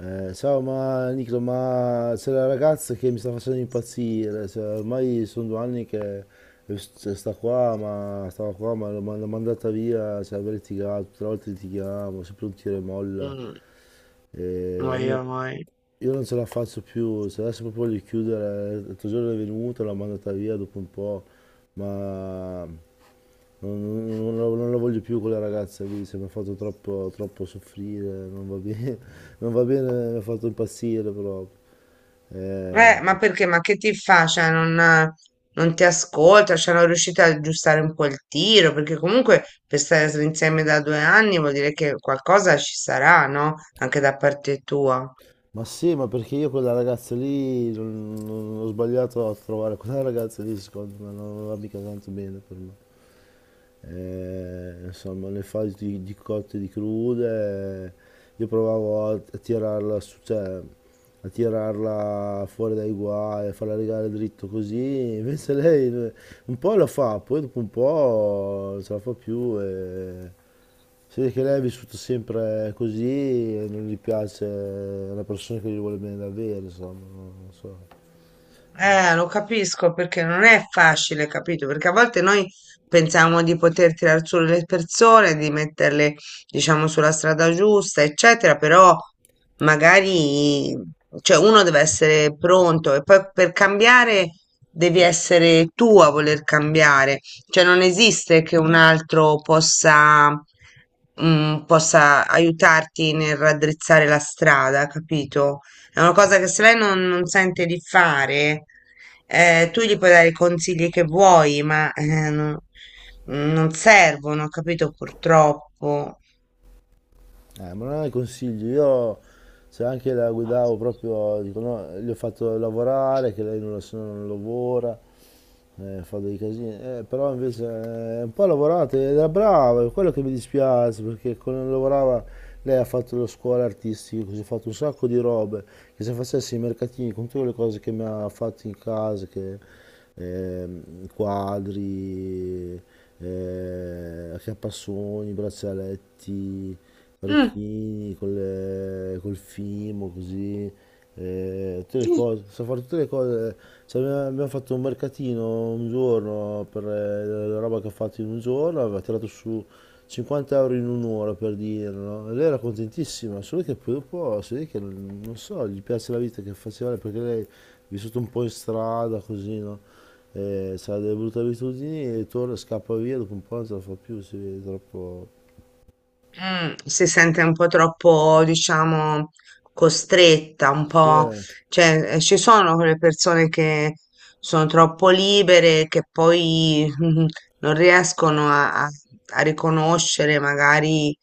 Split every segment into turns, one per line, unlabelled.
Ciao, ma Nicola, ma c'è la ragazza che mi sta facendo impazzire, cioè, ormai sono 2 anni che, cioè, sta qua, ma stava qua, ma l'ho mandata via, cioè, abbiamo litigato, tutte le volte litighiamo, sempre un tiro e molla,
Mm,
e
oi,
no-
oi.
io non ce la faccio più, cioè, adesso proprio voglio chiudere. L'altro giorno è venuta, l'ho mandata via dopo un po', ma non, non- non la voglio più quella ragazza lì, cioè, mi ha fatto troppo, troppo soffrire, non va bene, non va bene, mi ha fatto impazzire proprio. Eh,
Ma perché? Ma che ti fa? Cioè, non ti ascolta, cioè, non riuscite ad aggiustare un po' il tiro, perché comunque per stare insieme da 2 anni vuol dire che qualcosa ci sarà, no? Anche da parte tua.
ma sì, ma perché io quella ragazza lì ho sbagliato a trovare quella ragazza lì, secondo me non va mica tanto bene per me. Insomma, le fasi di cotte e di crude, io provavo a tirarla su, cioè, a tirarla fuori dai guai, a farla rigare dritto così. Invece lei, un po' la fa, poi dopo un po' non ce la fa più. E si vede che lei ha vissuto sempre così e non gli piace, è una persona che gli vuole bene davvero, insomma, non so.
Lo capisco perché non è facile, capito? Perché a volte noi pensiamo di poter tirar su le persone, di metterle, diciamo, sulla strada giusta, eccetera, però magari, cioè, uno deve essere pronto e poi per cambiare devi essere tu a voler cambiare, cioè non esiste che un altro possa, possa aiutarti nel raddrizzare la strada, capito? È una cosa che se lei non sente di fare, tu gli puoi dare i consigli che vuoi, ma non servono, capito? Purtroppo.
Ma non è consiglio, io se anche la guidavo proprio, dico, no, gli ho fatto lavorare, che lei non, la- se no non lavora, fa dei casini. Però invece, un po' ha lavorato, ed era brava, è quello che mi dispiace, perché quando lavorava lei ha fatto le scuole artistiche, così, ha fatto un sacco di robe, che se facessi i mercatini con tutte le cose che mi ha fatto in casa, che, quadri, acchiappasogni, braccialetti
Mm.
orecchini, col fimo, così, tutte le cose, so fare tutte le cose. Cioè, abbiamo fatto un mercatino un giorno per, la roba che ha fatto in un giorno, aveva tirato su 50 euro in un'ora per dirlo, no? E lei era contentissima, solo che poi dopo si vede che non so, gli piace la vita che faceva lei, perché lei è vissuta un po' in strada, così, no? Ha delle brutte abitudini e torna, scappa via, dopo un po' non ce la fa più, si vede troppo.
Mm, si sente un po' troppo, diciamo, costretta, un
Sì,
po',
eh.
cioè, ci sono quelle persone che sono troppo libere, che poi non riescono a, a riconoscere magari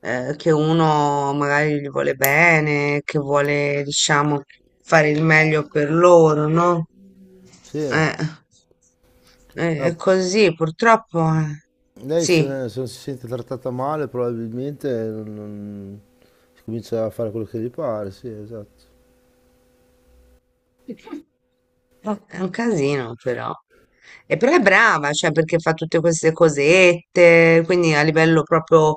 che uno magari gli vuole bene, che vuole, diciamo, fare il meglio per loro, no?
Sì.
Eh, eh, è
No,
così, purtroppo,
lei
sì.
se non si sente trattata male probabilmente si comincia a fare quello che gli pare, sì, esatto.
Oh, è un casino però. E però è brava, cioè perché fa tutte queste cosette, quindi a livello proprio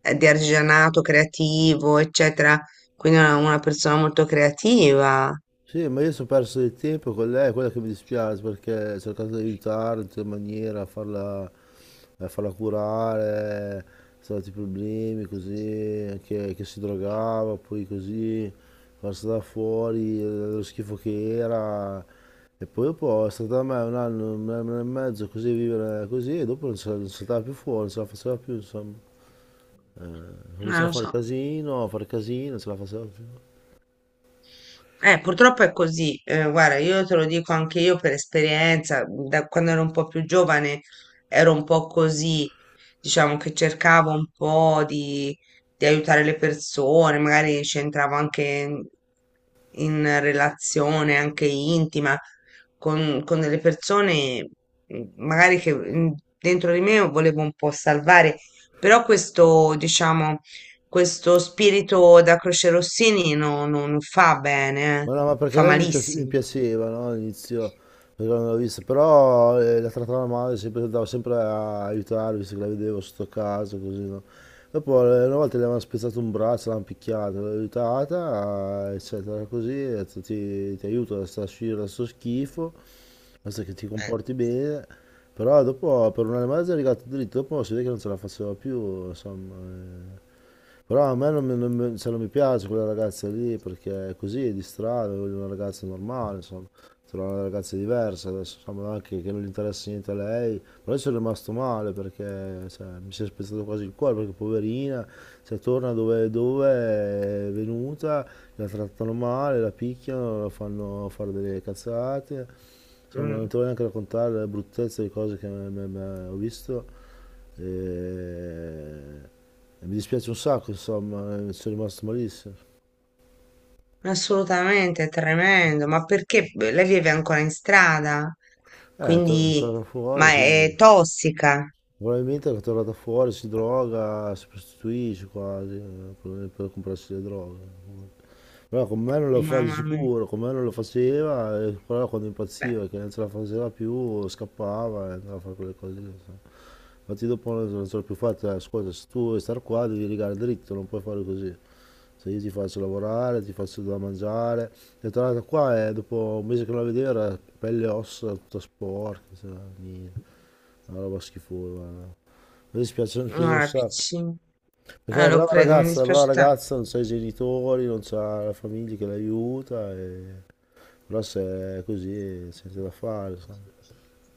di artigianato creativo, eccetera. Quindi è una persona molto creativa.
Sì, ma io sono perso del tempo con lei, è quello che mi dispiace perché ho cercato di aiutarla in tutte le maniere, a farla curare, sono stati problemi così, anche che si drogava, poi così, quando è stata fuori, lo schifo che era. Eppure può, è stata a me un anno e mezzo così, vivere così, e dopo non se la non saltava più fuori, non se la faceva più, insomma.
Non
Cominciava
lo so.
a fare casino, non se la faceva più.
Purtroppo è così. Guarda, io te lo dico anche io per esperienza, da quando ero un po' più giovane ero un po' così, diciamo che cercavo un po' di aiutare le persone, magari c'entravo anche in relazione anche intima con delle persone, magari che dentro di me volevo un po' salvare, però questo, diciamo questo spirito da Croce Rossini non fa bene,
Ma no, ma perché
fa
lei mi
malissimo.
piaceva, no, all'inizio, perché non l'ho vista, però, la trattava male, sempre, andavo sempre a aiutarla, visto che la vedevo sotto casa, così, no. Dopo, una volta le avevano spezzato un braccio, l'hanno picchiata, l'ho aiutata, eccetera, così, e ho detto, ti aiuto a uscire da sto schifo, basta che ti comporti bene. Però dopo, per un anno e mezzo è arrivato dritto, dopo si vede che non ce la faceva più, insomma... eh. Però a me non, mi- non mi- cioè, non mi piace quella ragazza lì perché è così, è di strada. Voglio una ragazza normale, insomma, trovare una ragazza diversa, adesso insomma anche che non gli interessa niente a lei. Però io sono rimasto male perché, cioè, mi si è spezzato quasi il cuore perché poverina, cioè, torna dove, dove è venuta, la trattano male, la picchiano, la fanno fare delle cazzate, insomma non
Mm.
ti voglio neanche raccontare la bruttezza di cose che ho visto. E... E mi dispiace un sacco, insomma, sono rimasto malissimo.
Assolutamente, è tremendo. Ma perché beh, lei vive ancora in strada?
È è
Quindi,
tornata
ma
fuori,
è
quindi
tossica.
probabilmente è tornata fuori, si droga, si prostituisce quasi, per comprarsi le droghe. Però con me non lo fa di
Mamma mia.
sicuro, con me non lo faceva, e però quando
Beh,
impazziva, che non ce la faceva più, scappava e andava a fare quelle cose lì, insomma. Infatti dopo non so, non ce l'ho più fatta, ascolta, se tu vuoi star qua devi rigare dritto, non puoi fare così. Se io ti faccio lavorare, ti faccio da mangiare. È tornata qua e dopo un mese che non la vedevo era pelle e ossa, tutta sporca, cioè, niente, una roba schifosa, guarda. Mi dispiace un
allora,
sacco.
piccina.
Perché è
Ah, lo credo, mi
una brava
dispiace.
ragazza non sa i genitori, non sa la famiglia che l'aiuta, e... però se è così sente da fare, sai.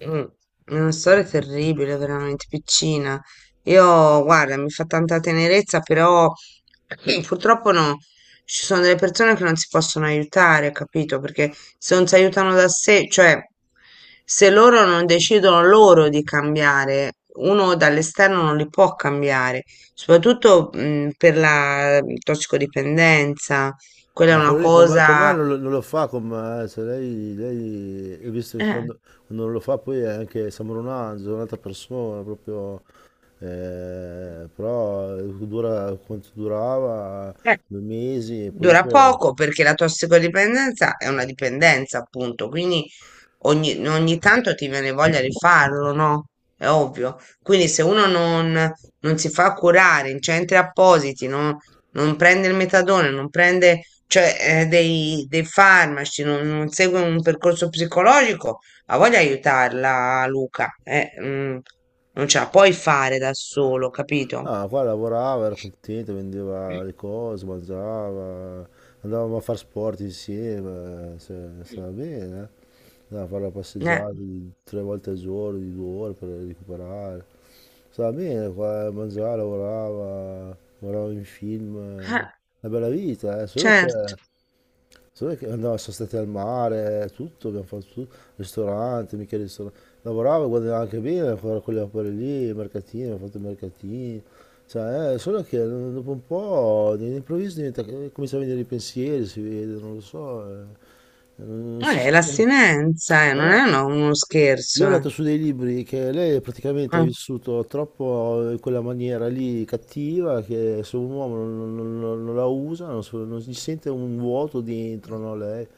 Mh, è una storia terribile, veramente, piccina. Io, guarda, mi fa tanta tenerezza, però purtroppo no, ci sono delle persone che non si possono aiutare, capito? Perché se non si aiutano da sé, cioè, se loro non decidono loro di cambiare, uno dall'esterno non li può cambiare, soprattutto, per la tossicodipendenza, quella è
Ah,
una
quello lì con me
cosa.
non, lo non lo fa con me, cioè ho visto che
Eh.
quando non lo fa poi è anche, sembra un angelo, è un'altra persona proprio, però dura quanto durava,
eh,
2 mesi e poi
Dura
dopo.
poco perché la tossicodipendenza è una dipendenza, appunto, quindi ogni tanto ti viene voglia di farlo, no? È ovvio. Quindi se uno non si fa curare in centri appositi, non prende il metadone, non prende, cioè, dei farmaci, non segue un percorso psicologico, ha voglia di aiutarla, Luca. Non ce la puoi fare da solo, capito?
Ah, qua lavorava, era contento, vendeva le cose, mangiava, andavamo a fare sport insieme, cioè,
Eh,
stava bene, eh. Andavamo a fare la passeggiata 3 volte al giorno, di 2 ore per recuperare. Stava bene, qua mangiava, lavorava, guardava in film,
eh,
eh. Una bella vita, eh.
certo.
Solo che andavamo, sono stati al mare, tutto, abbiamo fatto tutto, ristorante, mica ristorante, lavorava, guadagnava anche bene a fare quelle opere lì, i mercatini, ho fatto i mercatini. Cioè, solo che dopo un po' all'improvviso diventa, comincia a venire i pensieri, si vede, non lo so, non si sentono.
L'astinenza,
Ma
non
no,
è uno
io ho
scherzo,
letto
eh.
su dei libri che lei praticamente ha
Eh.
vissuto troppo in quella maniera lì cattiva che se un uomo non la usa, non si sente un vuoto dentro, no, lei. E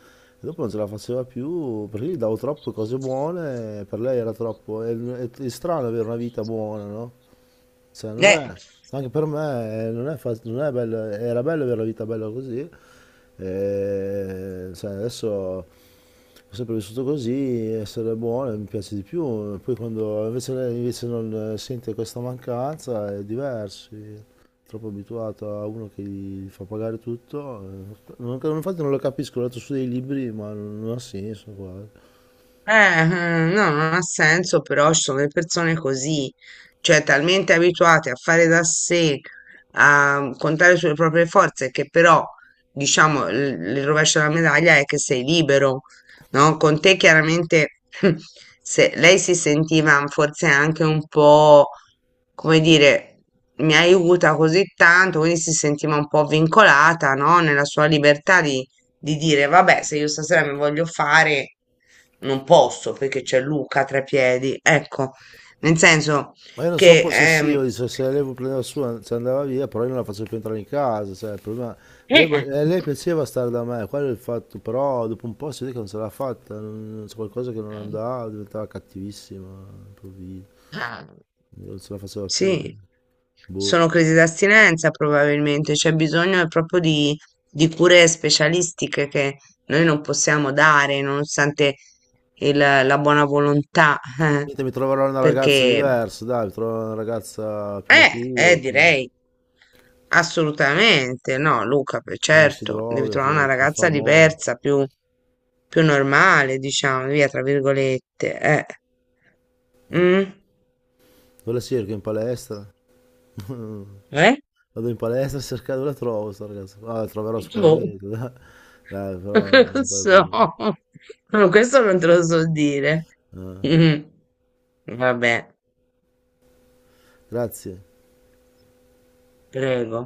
dopo non ce la faceva più perché gli davo troppe cose buone, per lei era troppo. È strano avere una vita buona, no? Cioè, non
Eh.
è, anche per me, non è bello, era bello avere la vita bella così, e, cioè, adesso ho sempre vissuto così, essere buono mi piace di più. E poi quando invece lei invece non, sente questa mancanza è diverso, è troppo abituato a uno che gli fa pagare tutto, infatti non lo capisco, ho letto su dei libri ma non ha senso qua.
No, non ha senso, però ci sono le persone così, cioè talmente abituate a fare da sé, a contare sulle proprie forze, che però, diciamo, il rovescio della medaglia è che sei libero, no? Con te chiaramente se, lei si sentiva forse anche un po', come dire, mi aiuta così tanto, quindi si sentiva un po' vincolata, no? Nella sua libertà di dire vabbè, se io stasera mi voglio fare, non posso perché c'è Luca tra i piedi. Ecco, nel senso
Ma io non sono
che
possessivo, dice, se lei vuole prendere la sua, se andava via, però io non la faccio più entrare in casa, cioè, il problema- Lei, vo-
eh,
lei piaceva stare da me, quello è il fatto, però dopo un po' si vede che non ce l'ha fatta, c'è qualcosa che non andava, diventava cattivissima, improvviso, non ce la faceva più, cioè.
sì,
Boh.
sono crisi d'astinenza probabilmente, c'è bisogno proprio di cure specialistiche che noi non possiamo dare, nonostante la buona volontà,
Niente, mi troverò una ragazza
perché
diversa, dai, mi troverò una ragazza più matura,
direi. Assolutamente, no Luca,
che non si
certo, devi
droga,
trovare una
che
ragazza
fa moda.
diversa, più normale, diciamo, via, tra virgolette, eh. Mm?
Quella sì, che è in palestra.
Eh?
Vado in palestra a cercare dove la trovo sta ragazza. Ah, la troverò
Boh.
sicuramente, dai. Dai, però
Non
non fai
so,
problemi.
questo non te lo so dire.
Ah,
Mm. Vabbè,
grazie.
prego.